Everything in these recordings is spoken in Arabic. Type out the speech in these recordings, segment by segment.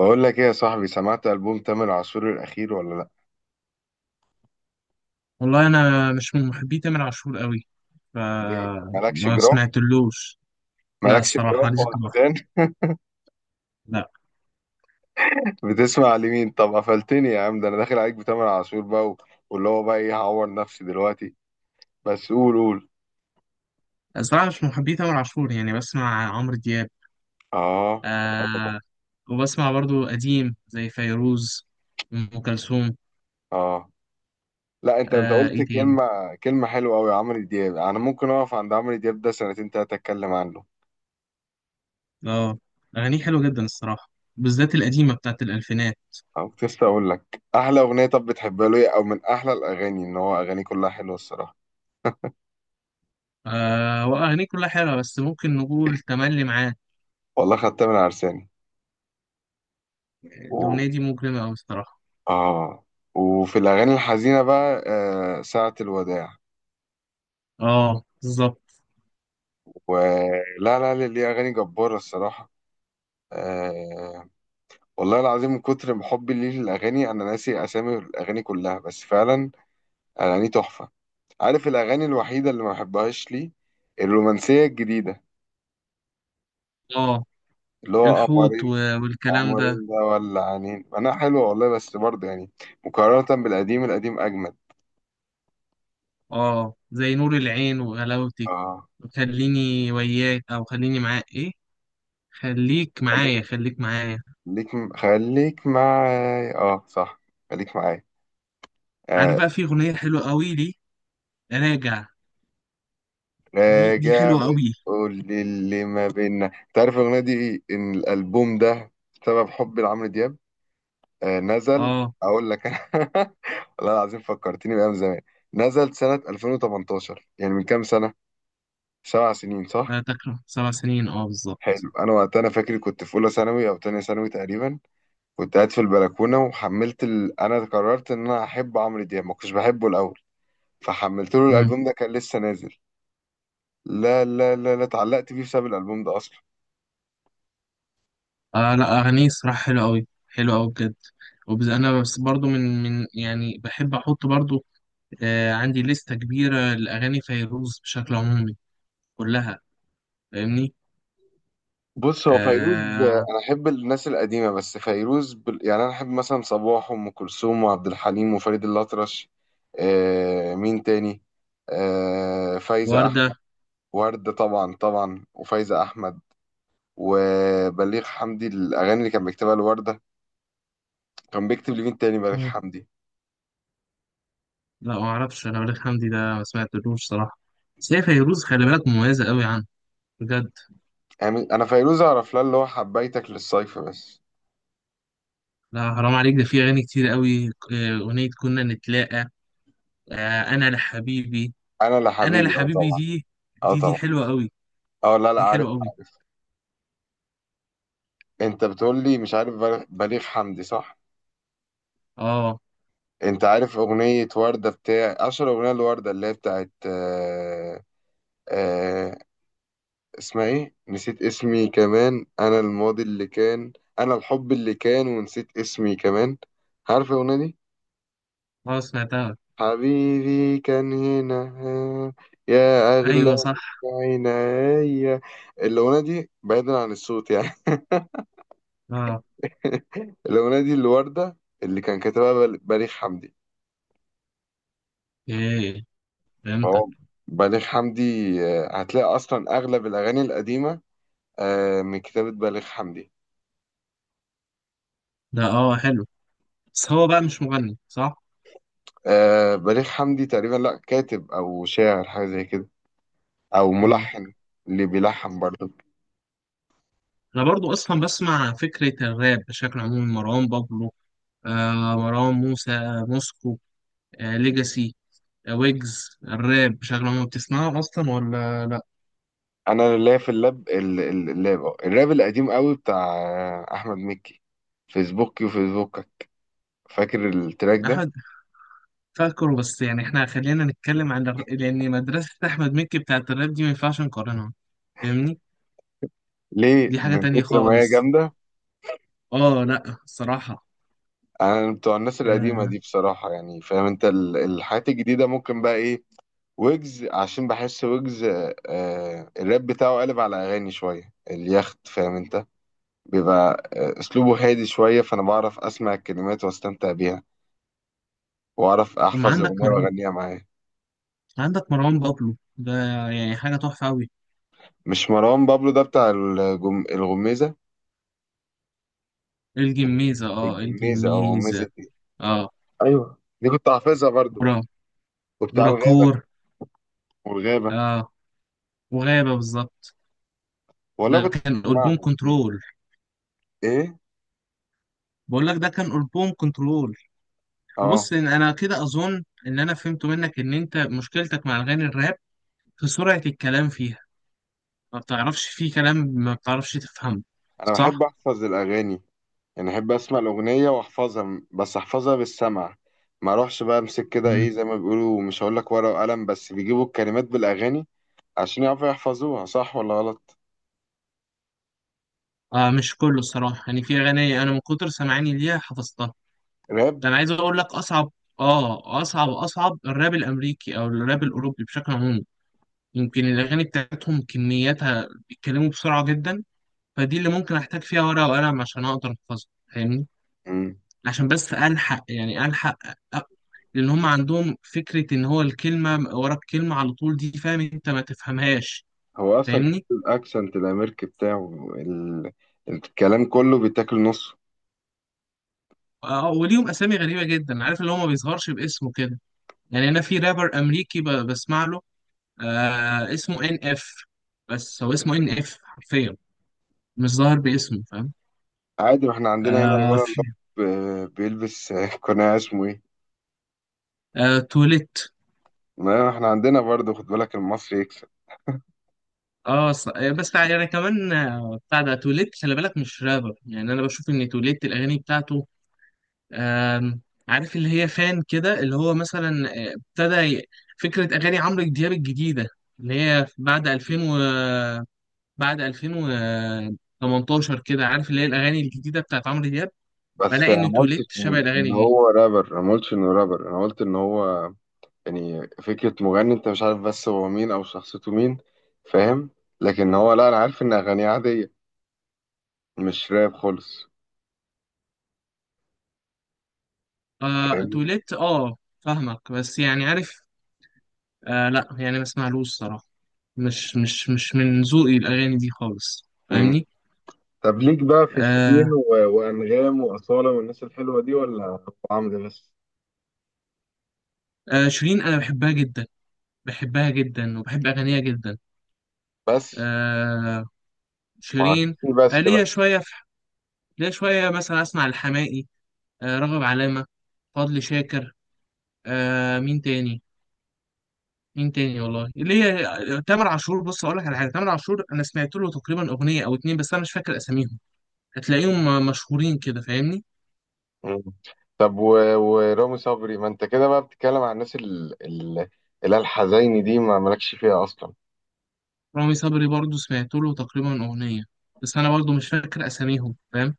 بقول لك ايه يا صاحبي، سمعت ألبوم تامر عاشور الأخير ولا لأ؟ والله انا مش من محبي تامر عاشور قوي، ليه؟ مالكش فما جراح؟ سمعتلوش. لا، مالكش الصراحه جراح ماليش ولا جراح. حزان؟ لا. بتسمع لمين؟ طب قفلتني يا عم، ده أنا داخل عليك بتامر عاشور بقى واللي هو بقى إيه، هعور نفسي دلوقتي. بس قول قول. الصراحه مش من محبي تامر عاشور، يعني بسمع عمرو دياب. آه. آه طبعا. آه. وبسمع برضو قديم زي فيروز، ام كلثوم. آه لا، أنت آه، قلت ايه تاني. كلمة، كلمة حلوة أوي. عمرو دياب أنا ممكن أقف عند عمرو دياب ده سنتين تلاتة أتكلم عنه. اه، اغانيه حلوه جدا الصراحه، بالذات القديمه بتاعت الالفينات. أو كنت لسه أقول لك، أحلى أغنية طب بتحبها له إيه؟ أو من أحلى الأغاني، إن هو أغانيه كلها حلوة الصراحة. آه، واغانيه كلها حلوه، بس ممكن نقول تملي معاه. والله خدتها من عرساني. الاغنيه دي مجرمه قوي الصراحه. اه وفي الاغاني الحزينه بقى آه ساعه الوداع، اه بالظبط. ولا لا لا، ليه اغاني جباره الصراحه. آه والله العظيم من كتر حبي ليه للاغاني انا ناسي اسامي الاغاني كلها، بس فعلا اغاني تحفه. عارف الاغاني الوحيده اللي ما بحبهاش ليه؟ الرومانسيه الجديده، اه اللي هو الحوت قمرين. والكلام ده. قمرين ده ولا عنين انا حلوه والله، بس برضه يعني مقارنه بالقديم، القديم اجمد. اه، زي نور العين وغلاوتك. اه خليني وياك او خليني معاك، ايه خليك معايا، خليك، خليك معايا. خليك معايا، اه صح، خليك معايا. عارف آه، بقى في اغنيه حلوه قوي لي، راجع. دي راجع. حلوه قوي. بتقول لي اللي ما بينا، انت عارف الاغنيه دي ان الالبوم ده بسبب حبي لعمرو دياب. آه، نزل. اه، اقول لك انا والله العظيم فكرتني بايام زمان. نزل سنه 2018، يعني من كام سنه، 7 سنين صح. لا تكره، 7 سنين اه بالظبط. حلو. انا وقتها انا فاكر كنت في اولى ثانوي او تانية ثانوي تقريبا، كنت قاعد في البلكونه وحملت انا قررت ان انا احب عمرو دياب، ما كنتش بحبه الاول، فحملت له مم. الالبوم ده كان لسه نازل. لا، اتعلقت بيه بسبب الالبوم ده اصلا. اه، لا اغانيه صراحه حلوه قوي، حلوه قوي بجد. انا بس برضو من يعني بحب احط برضو آه، عندي لستة كبيره لاغاني فيروز بشكل عمومي، كلها. فاهمني؟ بص هو فيروز آه، آه، انا احب الناس القديمه، بس فيروز يعني انا احب مثلا صباح وام كلثوم وعبد الحليم وفريد الاطرش. آه مين تاني، آه فايزه احمد. وردة. ورده طبعا طبعا، وفايزه احمد وبليغ حمدي الاغاني اللي كان بيكتبها لورده. كان بيكتب لمين تاني بليغ حمدي؟ لا ما اعرفش، انا وليد حمدي ده ما سمعتلوش صراحه. بس هي فيروز خلي بالك مميزه قوي عنه، بجد. يعني انا فيروز اعرف لها اللي هو حبيتك للصيف بس. لا حرام عليك، ده في اغاني كتير قوي. آه، اغنيه كنا نتلاقى. آه، انا لحبيبي. انا لا انا حبيبي، اه لحبيبي طبعا. دي. اه دي طبعا. حلوه قوي. اه لا لا، دي عارف حلوه قوي. عارف. انت بتقول لي مش عارف بليغ حمدي صح. اه، انت عارف اغنية وردة بتاع اشهر اغنية لوردة اللي هي بتاعت آه... آه... اسمها ايه، نسيت اسمي كمان. انا الماضي اللي كان، انا الحب اللي كان ونسيت اسمي كمان. عارف الاغنية دي، اه، سمعتها. حبيبي كان هنا آه، يا اغلى ايوه صح. عينيا. الاغنية دي بعيدا عن الصوت يعني اه، الأغنية دي الوردة اللي كان كاتبها بليغ حمدي. ايه، فهمتك. فهو بليغ حمدي آه، هتلاقي أصلا أغلب الأغاني القديمة آه من كتابة بليغ حمدي. ده اه حلو، بس هو بقى مش مغني صح؟ آه بليغ حمدي تقريبا لا كاتب أو شاعر حاجة زي كده، أو إيه. ملحن، اللي بيلحن برضه. انا برضو اصلا بسمع فكره الراب بشكل عمومي، مروان بابلو، آه مروان موسى، موسكو، آه ليجاسي، ويجز. الراب بشكل عام بتسمعه اصلا ولا لا؟ أنا اللي في اللاب اللاب آه. الراب القديم قوي بتاع آه، أحمد مكي، فيسبوكي وفيسبوكك. فاكر التراك ده؟ احمد. فاكره، بس يعني احنا خلينا نتكلم عن لان مدرسة احمد مكي بتاعت الراب دي ما ينفعش نقارنها. فاهمني؟ ليه دي حاجة من تانية كتر ما هي خالص. جامدة. اه، لا الصراحة. أنا بتوع الناس القديمة آه. دي بصراحة، يعني فاهم أنت الحاجات الجديدة ممكن بقى إيه، ويجز، عشان بحس ويجز آه الراب بتاعه قلب على أغاني شوية اليخت فاهم أنت، بيبقى آه، اسلوبه هادي شويه، فانا بعرف اسمع الكلمات واستمتع بيها واعرف طب ما احفظ عندك الاغنيه مروان، واغنيها معاه. عندك مروان بابلو ده، يعني حاجة تحفة أوي. مش مروان بابلو ده بتاع الغميزه. الجميزة، اه الجميزه او الجميزة. غميزه إيه؟ اه ايوه دي كنت حافظها برضو. ورا، وبتاع الغابه، وراكور. والغابه. اه، وغابة بالظبط. والله ده كنت كان ألبوم بسمعهم. مم. كنترول. ايه. بقول لك ده كان ألبوم كنترول. اه. بص، إن انا كده اظن ان انا فهمت منك ان انت مشكلتك مع اغاني الراب في سرعة الكلام فيها، ما بتعرفش فيه كلام ما بتعرفش تفهمه. انا بحب صح؟ احفظ الاغاني، يعني احب اسمع الاغنيه واحفظها بس احفظها بالسمع. ما اروحش بقى امسك كده مم. ايه زي ما بيقولوا، مش هقول لك ورقه وقلم، بس بيجيبوا الكلمات بالاغاني عشان يعرفوا يحفظوها صح ولا غلط. آه، مش كله الصراحة، يعني في اغاني انا من كتر سمعاني ليها حفظتها. راب. ده انا عايز اقول لك اصعب، اه اصعب الراب الامريكي او الراب الاوروبي بشكل عام. يمكن الاغاني بتاعتهم كمياتها بيتكلموا بسرعة جدا، فدي اللي ممكن احتاج فيها ورقة وقلم عشان اقدر احفظها. فاهمني؟ مم. عشان بس الحق، يعني الحق، لان هم عندهم فكره ان هو الكلمه ورا الكلمه على طول، دي فاهم انت ما تفهمهاش. هو اصلا كمان فاهمني؟ الاكسنت الامريكي بتاعه الكلام كله بيتاكل نصه. آه، آه، وليهم اسامي غريبه جدا، عارف اللي هو ما بيظهرش باسمه كده. يعني انا في رابر امريكي بسمع له، آه اسمه NF. بس هو اسمه NF حرفيا، مش ظاهر باسمه، فاهم؟ عادي، ما احنا عندنا هنا آه الولد في. اللي هو بيلبس قناع اسمه ايه، آه توليت. ما احنا عندنا برضه، خد بالك المصري يكسب. اه آه، بس يعني كمان آه، بتاع ده توليت خلي بالك مش رابر. يعني انا بشوف ان توليت الاغاني بتاعته آم، عارف اللي هي فان كده، اللي هو مثلا آه، فكرة أغاني عمرو دياب الجديدة، اللي هي بعد 2000 و بعد 2018 كده، عارف اللي هي الأغاني الجديدة بتاعت عمرو دياب. بس بلاقي انا إن ما قلتش توليت شبه إن الأغاني دي. هو رابر، انا ما قلتش انه رابر، انا قلت ان هو يعني فكرة مغني انت مش عارف بس هو مين او شخصيته مين، فاهم. لكن هو لا انا عارف ان اغانيه عادية، مش راب خالص، آه فاهمني. توليت، آه فاهمك، بس يعني عارف. آه، لا يعني ما اسمعلوش صراحة، مش من ذوقي الأغاني دي خالص. فاهمني؟ طب ليك بقى في شيرين آه. وأنغام وأصالة والناس الحلوة دي ولا أبو عمرو بس؟ آه شيرين، أنا بحبها جدا، بحبها جدا وبحب أغانيها جدا. بس آه، ما اكيد شيرين. في آه، بس ليا بقى. شوية في، ليا شوية مثلا أسمع الحماقي، آه راغب علامة، فضل شاكر، آه مين تاني، مين تاني والله، ليا آه، تامر عاشور. بص أقول لك على حاجة، تامر عاشور أنا سمعت له تقريبا أغنية أو 2، بس أنا مش فاكر أساميهم. هتلاقيهم آه، مشهورين كده، فاهمني؟ مم. طب ورامي صبري، ما انت كده بقى بتتكلم عن الناس اللي هي الحزيني دي ما مالكش فيها اصلا. رامي صبري برضو سمعت له تقريبا أغنية، بس أنا برضو مش فاكر أساميهم، فاهم؟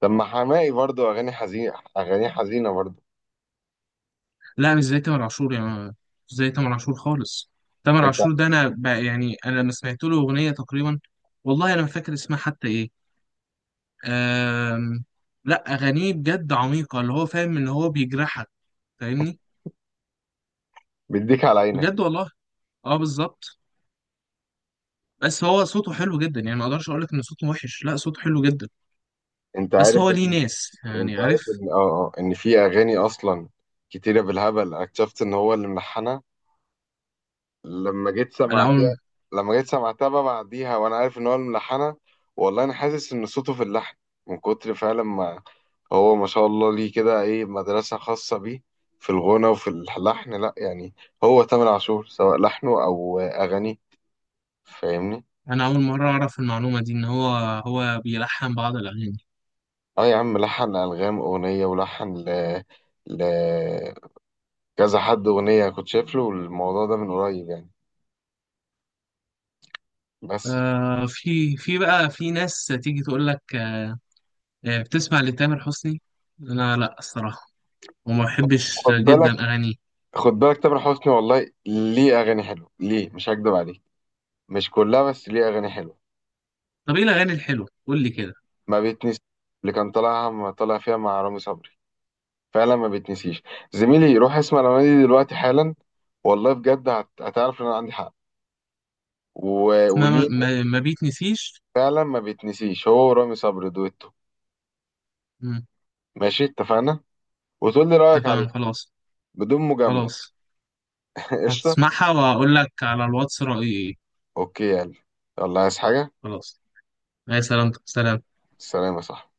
طب ما حماقي برضو اغاني حزينه، اغاني حزينه برضو. لا مش زي تامر عاشور يعني، مش زي تامر عاشور خالص. تامر انت عاشور ده أنا بقى يعني أنا لما سمعت له أغنية تقريبا، والله أنا ما فاكر اسمها حتى إيه. آم، لا اغانيه بجد عميقه، اللي هو فاهم ان هو بيجرحك، فاهمني؟ بيديك على عينك. بجد والله. اه بالظبط. بس هو صوته حلو جدا يعني، ما اقدرش اقول لك ان صوته وحش، لا صوته حلو جدا. انت بس عارف هو ليه ان... ناس يعني، انت عارف عارف؟ ان ان في اغاني اصلا كتيره بالهبل اكتشفت ان هو اللي ملحنها لما جيت انا سمعتها. اول لما جيت سمعتها بقى بعديها وانا عارف ان هو الملحنة، والله انا حاسس ان صوته في اللحن من كتر فعلا ما هو ما شاء الله، ليه كده ايه مدرسة خاصة بيه في الغنى وفي اللحن لا يعني. هو تامر عاشور سواء لحنه او اغانيه، فاهمني. انا اول مره اعرف المعلومه دي، ان هو بيلحن بعض الاغاني. اه يا عم لحن الغام اغنية، ولحن ل... كذا حد اغنية، كنت شايف له الموضوع ده من قريب يعني. بس آه في ناس تيجي تقول لك آه، آه، بتسمع لتامر حسني. انا لا الصراحه، وما بحبش خد جدا بالك، اغانيه. خد بالك تامر حسني والله ليه اغاني حلوه، ليه مش هكدب عليك، مش كلها بس ليه اغاني حلوه. طب ايه الاغاني الحلوه، قول لي كده. ما بيتنسي، اللي كان طالعها، ما طالع فيها مع رامي صبري، فعلا ما بيتنسيش. زميلي روح اسمع الاغاني دي دلوقتي حالا، والله بجد هتعرف ان انا عندي حق. وليه ما بيتنسيش. فعلا ما بيتنسيش هو ورامي صبري دويتو. مم، ماشي اتفقنا، وتقول لي رايك اتفقنا، عليها خلاص. بدون مجامله. خلاص، قشطه. هتسمعها وأقول لك على الواتس رأيي إيه. اوكي يلا، يلا عايز حاجه؟ خلاص. يا سلام، سلام. سلام يا صاحبي.